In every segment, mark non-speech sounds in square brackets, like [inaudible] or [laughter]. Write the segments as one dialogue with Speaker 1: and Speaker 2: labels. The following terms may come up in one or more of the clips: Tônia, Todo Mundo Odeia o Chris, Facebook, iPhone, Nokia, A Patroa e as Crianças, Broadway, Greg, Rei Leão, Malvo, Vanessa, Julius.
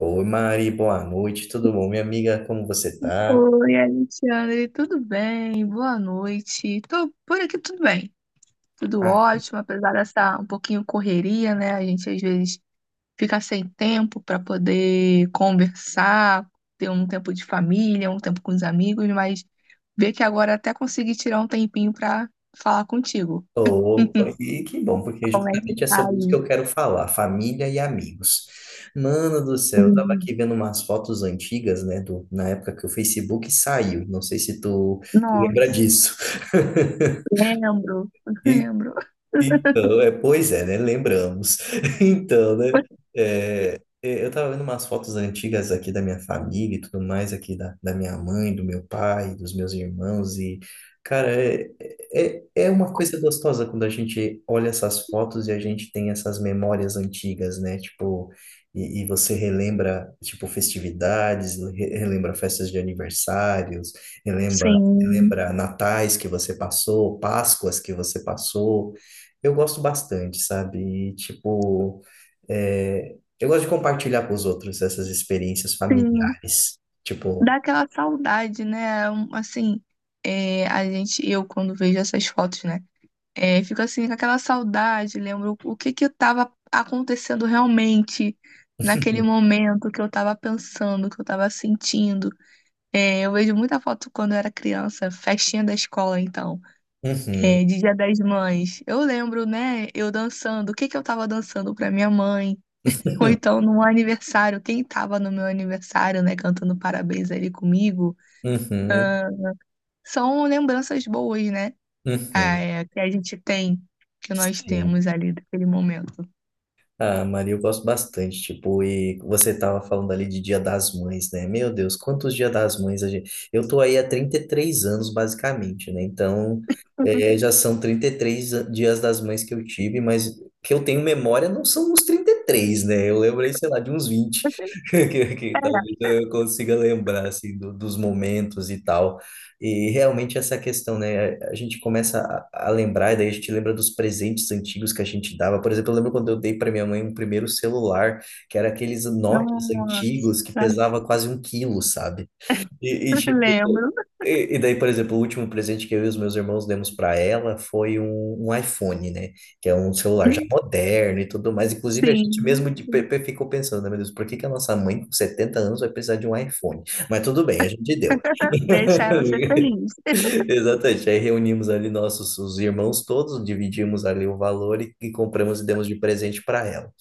Speaker 1: Oi, Mari, boa noite, tudo bom, minha amiga? Como você tá?
Speaker 2: Oi, Alexandre, tudo bem? Boa noite. Tô por aqui tudo bem, tudo
Speaker 1: Ah,
Speaker 2: ótimo, apesar dessa um pouquinho correria, né? A gente às vezes fica sem tempo para poder conversar, ter um tempo de família, um tempo com os amigos, mas ver que agora até consegui tirar um tempinho para falar contigo.
Speaker 1: tô,
Speaker 2: [laughs]
Speaker 1: e que bom, porque
Speaker 2: Como é que
Speaker 1: justamente é
Speaker 2: tá
Speaker 1: sobre isso que
Speaker 2: aí?
Speaker 1: eu quero falar, família e amigos. Mano do céu, eu tava
Speaker 2: Hum.
Speaker 1: aqui vendo umas fotos antigas, né, na época que o Facebook saiu, não sei se tu lembra
Speaker 2: Nossa,
Speaker 1: disso. [laughs]
Speaker 2: lembro,
Speaker 1: E,
Speaker 2: lembro.
Speaker 1: Então, pois é, né? Lembramos. [laughs] Então, né?
Speaker 2: [laughs]
Speaker 1: Eu tava vendo umas fotos antigas aqui da minha família e tudo mais, aqui da minha mãe, do meu pai, dos meus irmãos, cara, é, é uma coisa gostosa quando a gente olha essas fotos e a gente tem essas memórias antigas, né? Tipo, e você relembra, tipo, festividades, relembra festas de aniversários, relembra,
Speaker 2: Sim,
Speaker 1: relembra natais que você passou, Páscoas que você passou, eu gosto bastante, sabe? E, tipo, é, eu gosto de compartilhar com os outros essas experiências
Speaker 2: sim.
Speaker 1: familiares. Tipo,
Speaker 2: Dá aquela saudade, né? É, um, assim, é, a gente, eu quando vejo essas fotos, né? É, fico assim com aquela saudade, lembro o que que estava acontecendo realmente naquele
Speaker 1: [laughs]
Speaker 2: momento que eu estava pensando, que eu estava sentindo. É, eu vejo muita foto quando eu era criança, festinha da escola, então,
Speaker 1: uhum,
Speaker 2: é, de Dia das Mães. Eu lembro, né? Eu dançando, o que que eu estava dançando para minha mãe. Ou
Speaker 1: uhum,
Speaker 2: então, no aniversário, quem estava no meu aniversário, né, cantando parabéns ali comigo.
Speaker 1: uhum,
Speaker 2: São lembranças boas, né? Ah,
Speaker 1: uhum.
Speaker 2: é, que a gente tem, que nós
Speaker 1: Sim.
Speaker 2: temos ali daquele momento.
Speaker 1: Ah, Maria, eu gosto bastante, tipo, e você tava falando ali de Dia das Mães, né? Meu Deus, quantos Dia das Mães a gente... Eu tô aí há 33 anos, basicamente, né? Então, é, já são 33 Dias das Mães que eu tive, mas que eu tenho memória não são os 33, né? Eu lembro aí, sei lá, de uns 20 [laughs] que
Speaker 2: É,
Speaker 1: talvez eu consiga lembrar, assim, dos momentos e tal. E realmente essa questão, né? A gente começa a lembrar, e daí a gente lembra dos presentes antigos que a gente dava. Por exemplo, eu lembro quando eu dei para minha mãe um primeiro celular, que era aqueles Nokias
Speaker 2: nossa,
Speaker 1: antigos que pesava quase um quilo, sabe? E, e,
Speaker 2: [laughs]
Speaker 1: tipo,
Speaker 2: lembro.
Speaker 1: e daí, por exemplo, o último presente que eu e os meus irmãos demos para ela foi um iPhone, né? Que é um celular já
Speaker 2: Hum.
Speaker 1: moderno e tudo mais. Inclusive, a gente mesmo
Speaker 2: Sim, sim.
Speaker 1: ficou pensando, né, meu Deus, por que que a nossa mãe com 70 anos vai precisar de um iPhone? Mas tudo bem, a gente deu.
Speaker 2: [laughs] Deixa ela ser
Speaker 1: [laughs]
Speaker 2: feliz.
Speaker 1: [laughs]
Speaker 2: [laughs]
Speaker 1: Exatamente. Aí reunimos ali nossos os irmãos todos, dividimos ali o valor e compramos e demos de presente para ela.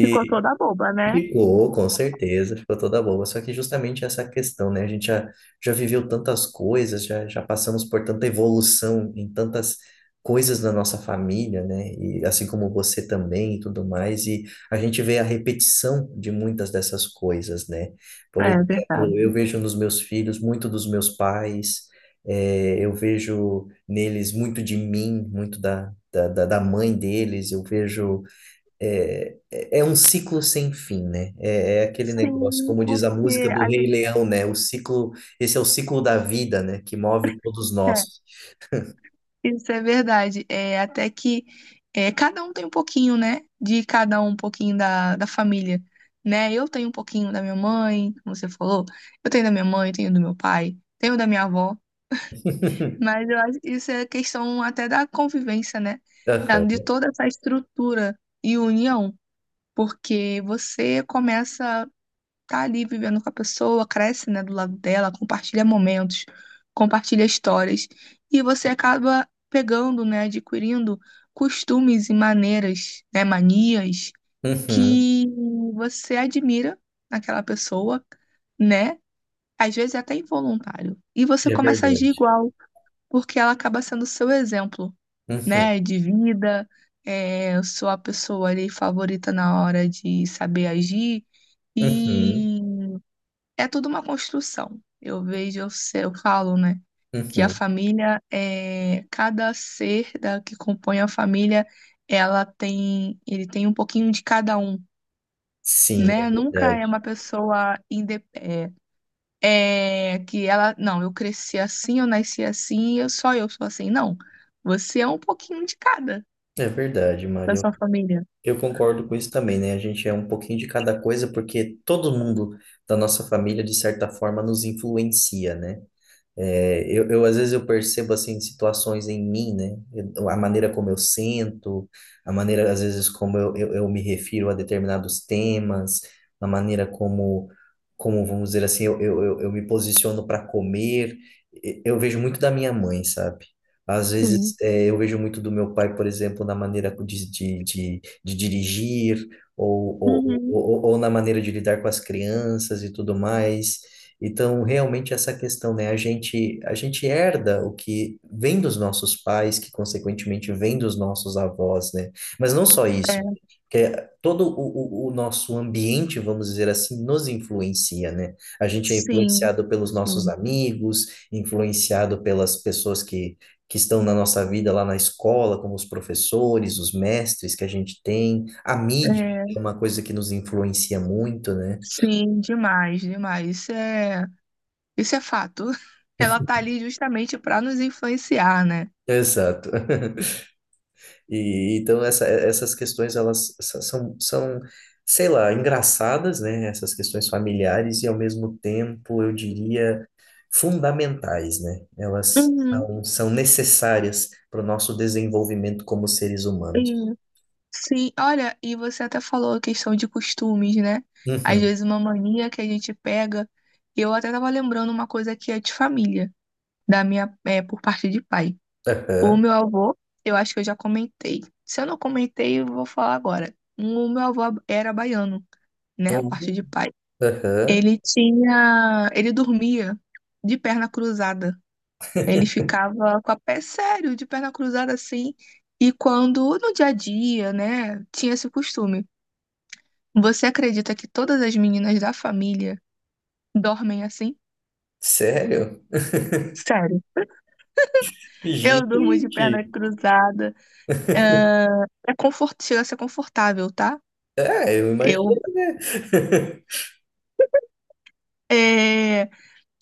Speaker 2: Ficou toda boba, né?
Speaker 1: Ficou, com certeza, ficou toda boa. Só que justamente essa questão, né? Já viveu tantas coisas, já passamos por tanta evolução em tantas coisas da nossa família, né? E assim como você também e tudo mais. E a gente vê a repetição de muitas dessas coisas, né? Por
Speaker 2: É
Speaker 1: exemplo,
Speaker 2: verdade.
Speaker 1: eu vejo nos meus filhos muito dos meus pais, eu vejo neles muito de mim, muito da mãe deles, eu vejo. É um ciclo sem fim, né? É aquele negócio,
Speaker 2: Sim,
Speaker 1: como diz a música
Speaker 2: porque
Speaker 1: do
Speaker 2: a
Speaker 1: Rei
Speaker 2: gente.
Speaker 1: Leão, né? O ciclo, esse é o ciclo da vida, né? Que move todos
Speaker 2: É,
Speaker 1: nós.
Speaker 2: isso é verdade. É, até que é, cada um tem um pouquinho, né? De cada um, um pouquinho da família, né? Eu tenho um pouquinho da minha mãe, como você falou. Eu tenho da minha mãe, tenho do meu pai, tenho da minha avó.
Speaker 1: [laughs]
Speaker 2: Mas eu acho que isso é questão até da convivência, né? Da, de
Speaker 1: Aham.
Speaker 2: toda essa estrutura e união. Porque você começa tá ali vivendo com a pessoa, cresce, né, do lado dela, compartilha momentos, compartilha histórias, e você acaba pegando, né, adquirindo costumes e maneiras, né, manias
Speaker 1: Uhum.
Speaker 2: que você admira naquela pessoa, né? Às vezes é até involuntário. E você
Speaker 1: É
Speaker 2: começa a agir
Speaker 1: verdade.
Speaker 2: igual, porque ela acaba sendo o seu exemplo,
Speaker 1: Uhum.
Speaker 2: né, de vida. É, eu sou a pessoa ali favorita na hora de saber agir
Speaker 1: Uhum.
Speaker 2: e é tudo uma construção. Eu vejo, eu, eu falo, né, que a
Speaker 1: Uhum.
Speaker 2: família é cada ser da que compõe a família, ela tem, ele tem um pouquinho de cada um,
Speaker 1: Sim, é
Speaker 2: né? Nunca é
Speaker 1: verdade.
Speaker 2: uma pessoa que ela, não, eu cresci assim, eu nasci assim, eu só eu sou assim. Não, você é um pouquinho de cada
Speaker 1: É verdade,
Speaker 2: da
Speaker 1: Mário.
Speaker 2: sua família.
Speaker 1: Eu concordo com isso também, né? A gente é um pouquinho de cada coisa, porque todo mundo da nossa família, de certa forma, nos influencia, né? Às vezes eu percebo assim situações em mim, né? Eu- a maneira como eu sinto, a maneira às vezes como eu me refiro a determinados temas, a maneira como vamos dizer assim, eu eu me posiciono para comer. E- Eu vejo muito da minha mãe, sabe?
Speaker 2: Sim.
Speaker 1: Eu vejo muito do meu pai, por exemplo, na maneira de dirigir
Speaker 2: Uhum.
Speaker 1: ou na maneira de lidar com as crianças e tudo mais. Então, realmente essa questão, né? A gente herda o que vem dos nossos pais, que consequentemente vem dos nossos avós, né? Mas não só isso,
Speaker 2: É,
Speaker 1: que todo o nosso ambiente, vamos dizer assim, nos influencia, né? A gente é
Speaker 2: sim,
Speaker 1: influenciado pelos nossos
Speaker 2: sim.
Speaker 1: amigos, influenciado pelas pessoas que estão na nossa vida lá na escola, como os professores, os mestres que a gente tem, a mídia
Speaker 2: É,
Speaker 1: é uma coisa que nos influencia muito, né?
Speaker 2: sim, demais, demais. Isso é fato. [laughs] Ela tá ali justamente para nos influenciar, né?
Speaker 1: Exato. [laughs] E então essas questões são, são, sei lá, engraçadas, né? Essas questões familiares e ao mesmo tempo, eu diria, fundamentais, né? Elas
Speaker 2: Uhum,
Speaker 1: são, são necessárias para o nosso desenvolvimento como seres humanos.
Speaker 2: uhum. Sim, olha, e você até falou a questão de costumes, né? Às
Speaker 1: Uhum.
Speaker 2: vezes uma mania que a gente pega. Eu até tava lembrando uma coisa que é de família, da minha, é, por parte de pai. O
Speaker 1: Aham.
Speaker 2: meu avô, eu acho que eu já comentei. Se eu não comentei, eu vou falar agora. O meu avô era baiano, né?
Speaker 1: Uhum.
Speaker 2: Parte de pai.
Speaker 1: Aham.
Speaker 2: Ele tinha, ele dormia de perna cruzada. Ele ficava com a pé sério, de perna cruzada assim. E quando no dia a dia, né, tinha esse costume. Você acredita que todas as meninas da família dormem assim?
Speaker 1: Sério?
Speaker 2: Sério. Eu durmo de
Speaker 1: Gente.
Speaker 2: perna cruzada.
Speaker 1: [laughs]
Speaker 2: É, Chega a ser confortável, tá?
Speaker 1: É, eu
Speaker 2: Eu,
Speaker 1: imagino, né?
Speaker 2: é,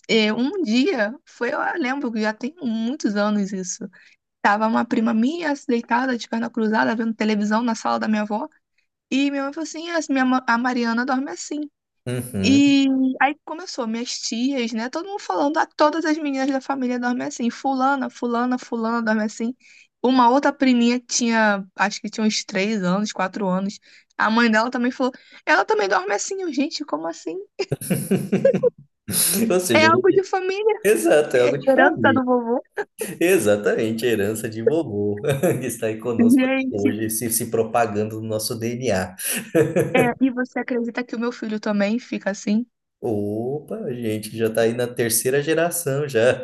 Speaker 2: um dia, foi, eu lembro que já tem muitos anos isso. Tava uma prima minha deitada de perna cruzada, vendo televisão na sala da minha avó. E minha mãe falou assim: "Ah, a Mariana dorme assim."
Speaker 1: [laughs] Uhum.
Speaker 2: E aí começou, minhas tias, né? Todo mundo falando, ah, todas as meninas da família dormem assim. Fulana, fulana, fulana dorme assim. Uma outra priminha que tinha, acho que tinha uns 3 anos, 4 anos. A mãe dela também falou, ela também dorme assim. Eu, gente, como assim?
Speaker 1: Ou
Speaker 2: É
Speaker 1: seja, a
Speaker 2: algo de
Speaker 1: gente-
Speaker 2: família,
Speaker 1: exato, é algo
Speaker 2: é
Speaker 1: de
Speaker 2: herança
Speaker 1: família.
Speaker 2: do vovô.
Speaker 1: Exatamente, a herança de vovô, [laughs] que está aí conosco até
Speaker 2: Gente,
Speaker 1: hoje, se propagando no nosso DNA.
Speaker 2: é, e você acredita que o meu filho também fica assim?
Speaker 1: Opa, a gente, já está aí na terceira geração já.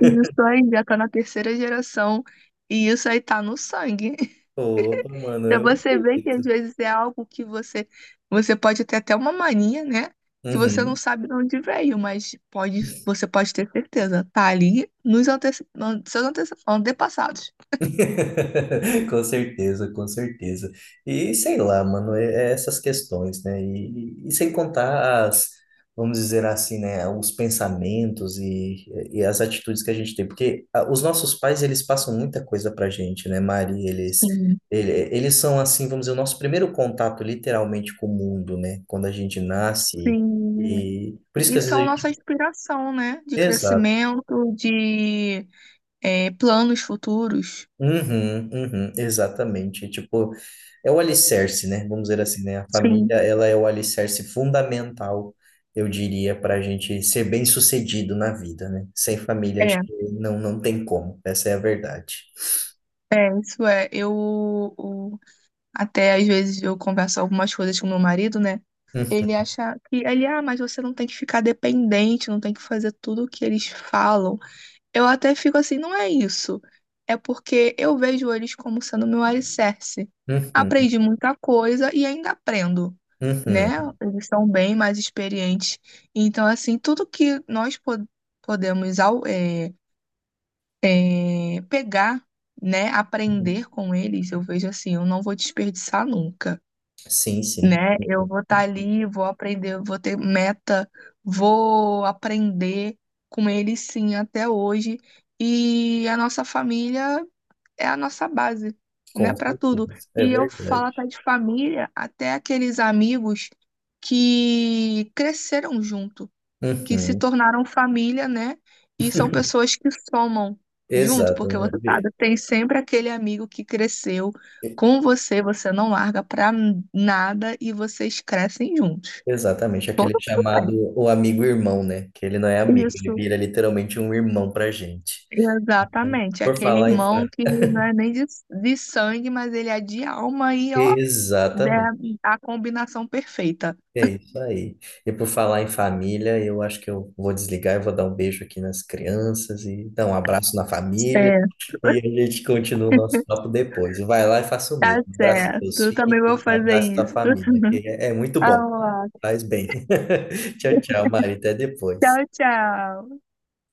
Speaker 2: E isso aí já tá na terceira geração. E isso aí tá no sangue.
Speaker 1: Opa, mano,
Speaker 2: Pra
Speaker 1: eu.
Speaker 2: você ver que às vezes é algo que você pode ter até uma mania, né? Que você não
Speaker 1: Uhum.
Speaker 2: sabe de onde veio, mas pode, você pode ter certeza, tá ali nos antepassados.
Speaker 1: [laughs] Com certeza, com certeza. E sei lá, mano, é essas questões, né? E sem contar vamos dizer assim, né, os pensamentos e as atitudes que a gente tem, porque ah, os nossos pais, eles passam muita coisa pra gente, né, Mari?
Speaker 2: Sim.
Speaker 1: Eles são assim, vamos dizer, o nosso primeiro contato literalmente com o mundo, né? Quando a gente nasce
Speaker 2: Sim.
Speaker 1: e por isso que
Speaker 2: E
Speaker 1: às vezes a
Speaker 2: são
Speaker 1: gente...
Speaker 2: nossa inspiração, né? De
Speaker 1: exato
Speaker 2: crescimento, de planos futuros.
Speaker 1: Uhum, uhum, exatamente. Tipo, é o alicerce, né? Vamos dizer assim, né? A
Speaker 2: Sim.
Speaker 1: família, ela é o alicerce fundamental, eu diria, para a gente ser bem-sucedido na vida, né? Sem família, acho
Speaker 2: É,
Speaker 1: que não tem como. Essa é a verdade.
Speaker 2: isso é. Até às vezes eu converso algumas coisas com meu marido, né?
Speaker 1: Uhum,
Speaker 2: Ele acha que mas você não tem que ficar dependente, não tem que fazer tudo o que eles falam. Eu até fico assim, não é isso. É porque eu vejo eles como sendo meu alicerce. Aprendi muita coisa e ainda aprendo, né?
Speaker 1: uhum,
Speaker 2: Eles são bem mais experientes. Então, assim, tudo que nós podemos pegar, né?
Speaker 1: uhum.
Speaker 2: Aprender com eles, eu vejo assim, eu não vou desperdiçar nunca,
Speaker 1: Sim, sim.
Speaker 2: né? Eu vou estar ali, vou aprender, eu vou ter meta, vou aprender com ele sim até hoje. E a nossa família é a nossa base, né,
Speaker 1: Com
Speaker 2: para tudo.
Speaker 1: certeza. É
Speaker 2: E eu falo até
Speaker 1: verdade.
Speaker 2: de família, até aqueles amigos que cresceram junto que se
Speaker 1: Uhum,
Speaker 2: tornaram família, né? E são pessoas que somam junto,
Speaker 1: exato,
Speaker 2: porque
Speaker 1: né?
Speaker 2: você sabe, tem sempre aquele amigo que cresceu
Speaker 1: E-
Speaker 2: com você, você não larga pra nada e vocês crescem juntos.
Speaker 1: Exatamente, aquele
Speaker 2: Todo mundo
Speaker 1: chamado
Speaker 2: tem.
Speaker 1: o amigo-irmão, né? Que ele não é amigo, ele
Speaker 2: Isso,
Speaker 1: vira literalmente um irmão pra gente.
Speaker 2: exatamente.
Speaker 1: Por
Speaker 2: Aquele
Speaker 1: falar em
Speaker 2: irmão
Speaker 1: família.
Speaker 2: que não é nem de sangue, mas ele é de alma e ó,
Speaker 1: Exatamente.
Speaker 2: é a combinação perfeita.
Speaker 1: É isso aí. E por falar em família, eu acho que eu vou desligar e vou dar um beijo aqui nas crianças e dar um abraço na família.
Speaker 2: É.
Speaker 1: E a
Speaker 2: [laughs]
Speaker 1: gente continua o nosso papo depois. E vai lá e faça o mesmo.
Speaker 2: Tá
Speaker 1: Abraça
Speaker 2: certo.
Speaker 1: seus
Speaker 2: Eu
Speaker 1: filhos,
Speaker 2: também vou fazer
Speaker 1: abraça sua
Speaker 2: isso.
Speaker 1: família, que é muito
Speaker 2: Ah,
Speaker 1: bom.
Speaker 2: lá.
Speaker 1: Faz bem. [laughs] Tchau, tchau, Mari. Até depois.
Speaker 2: Tchau, tchau.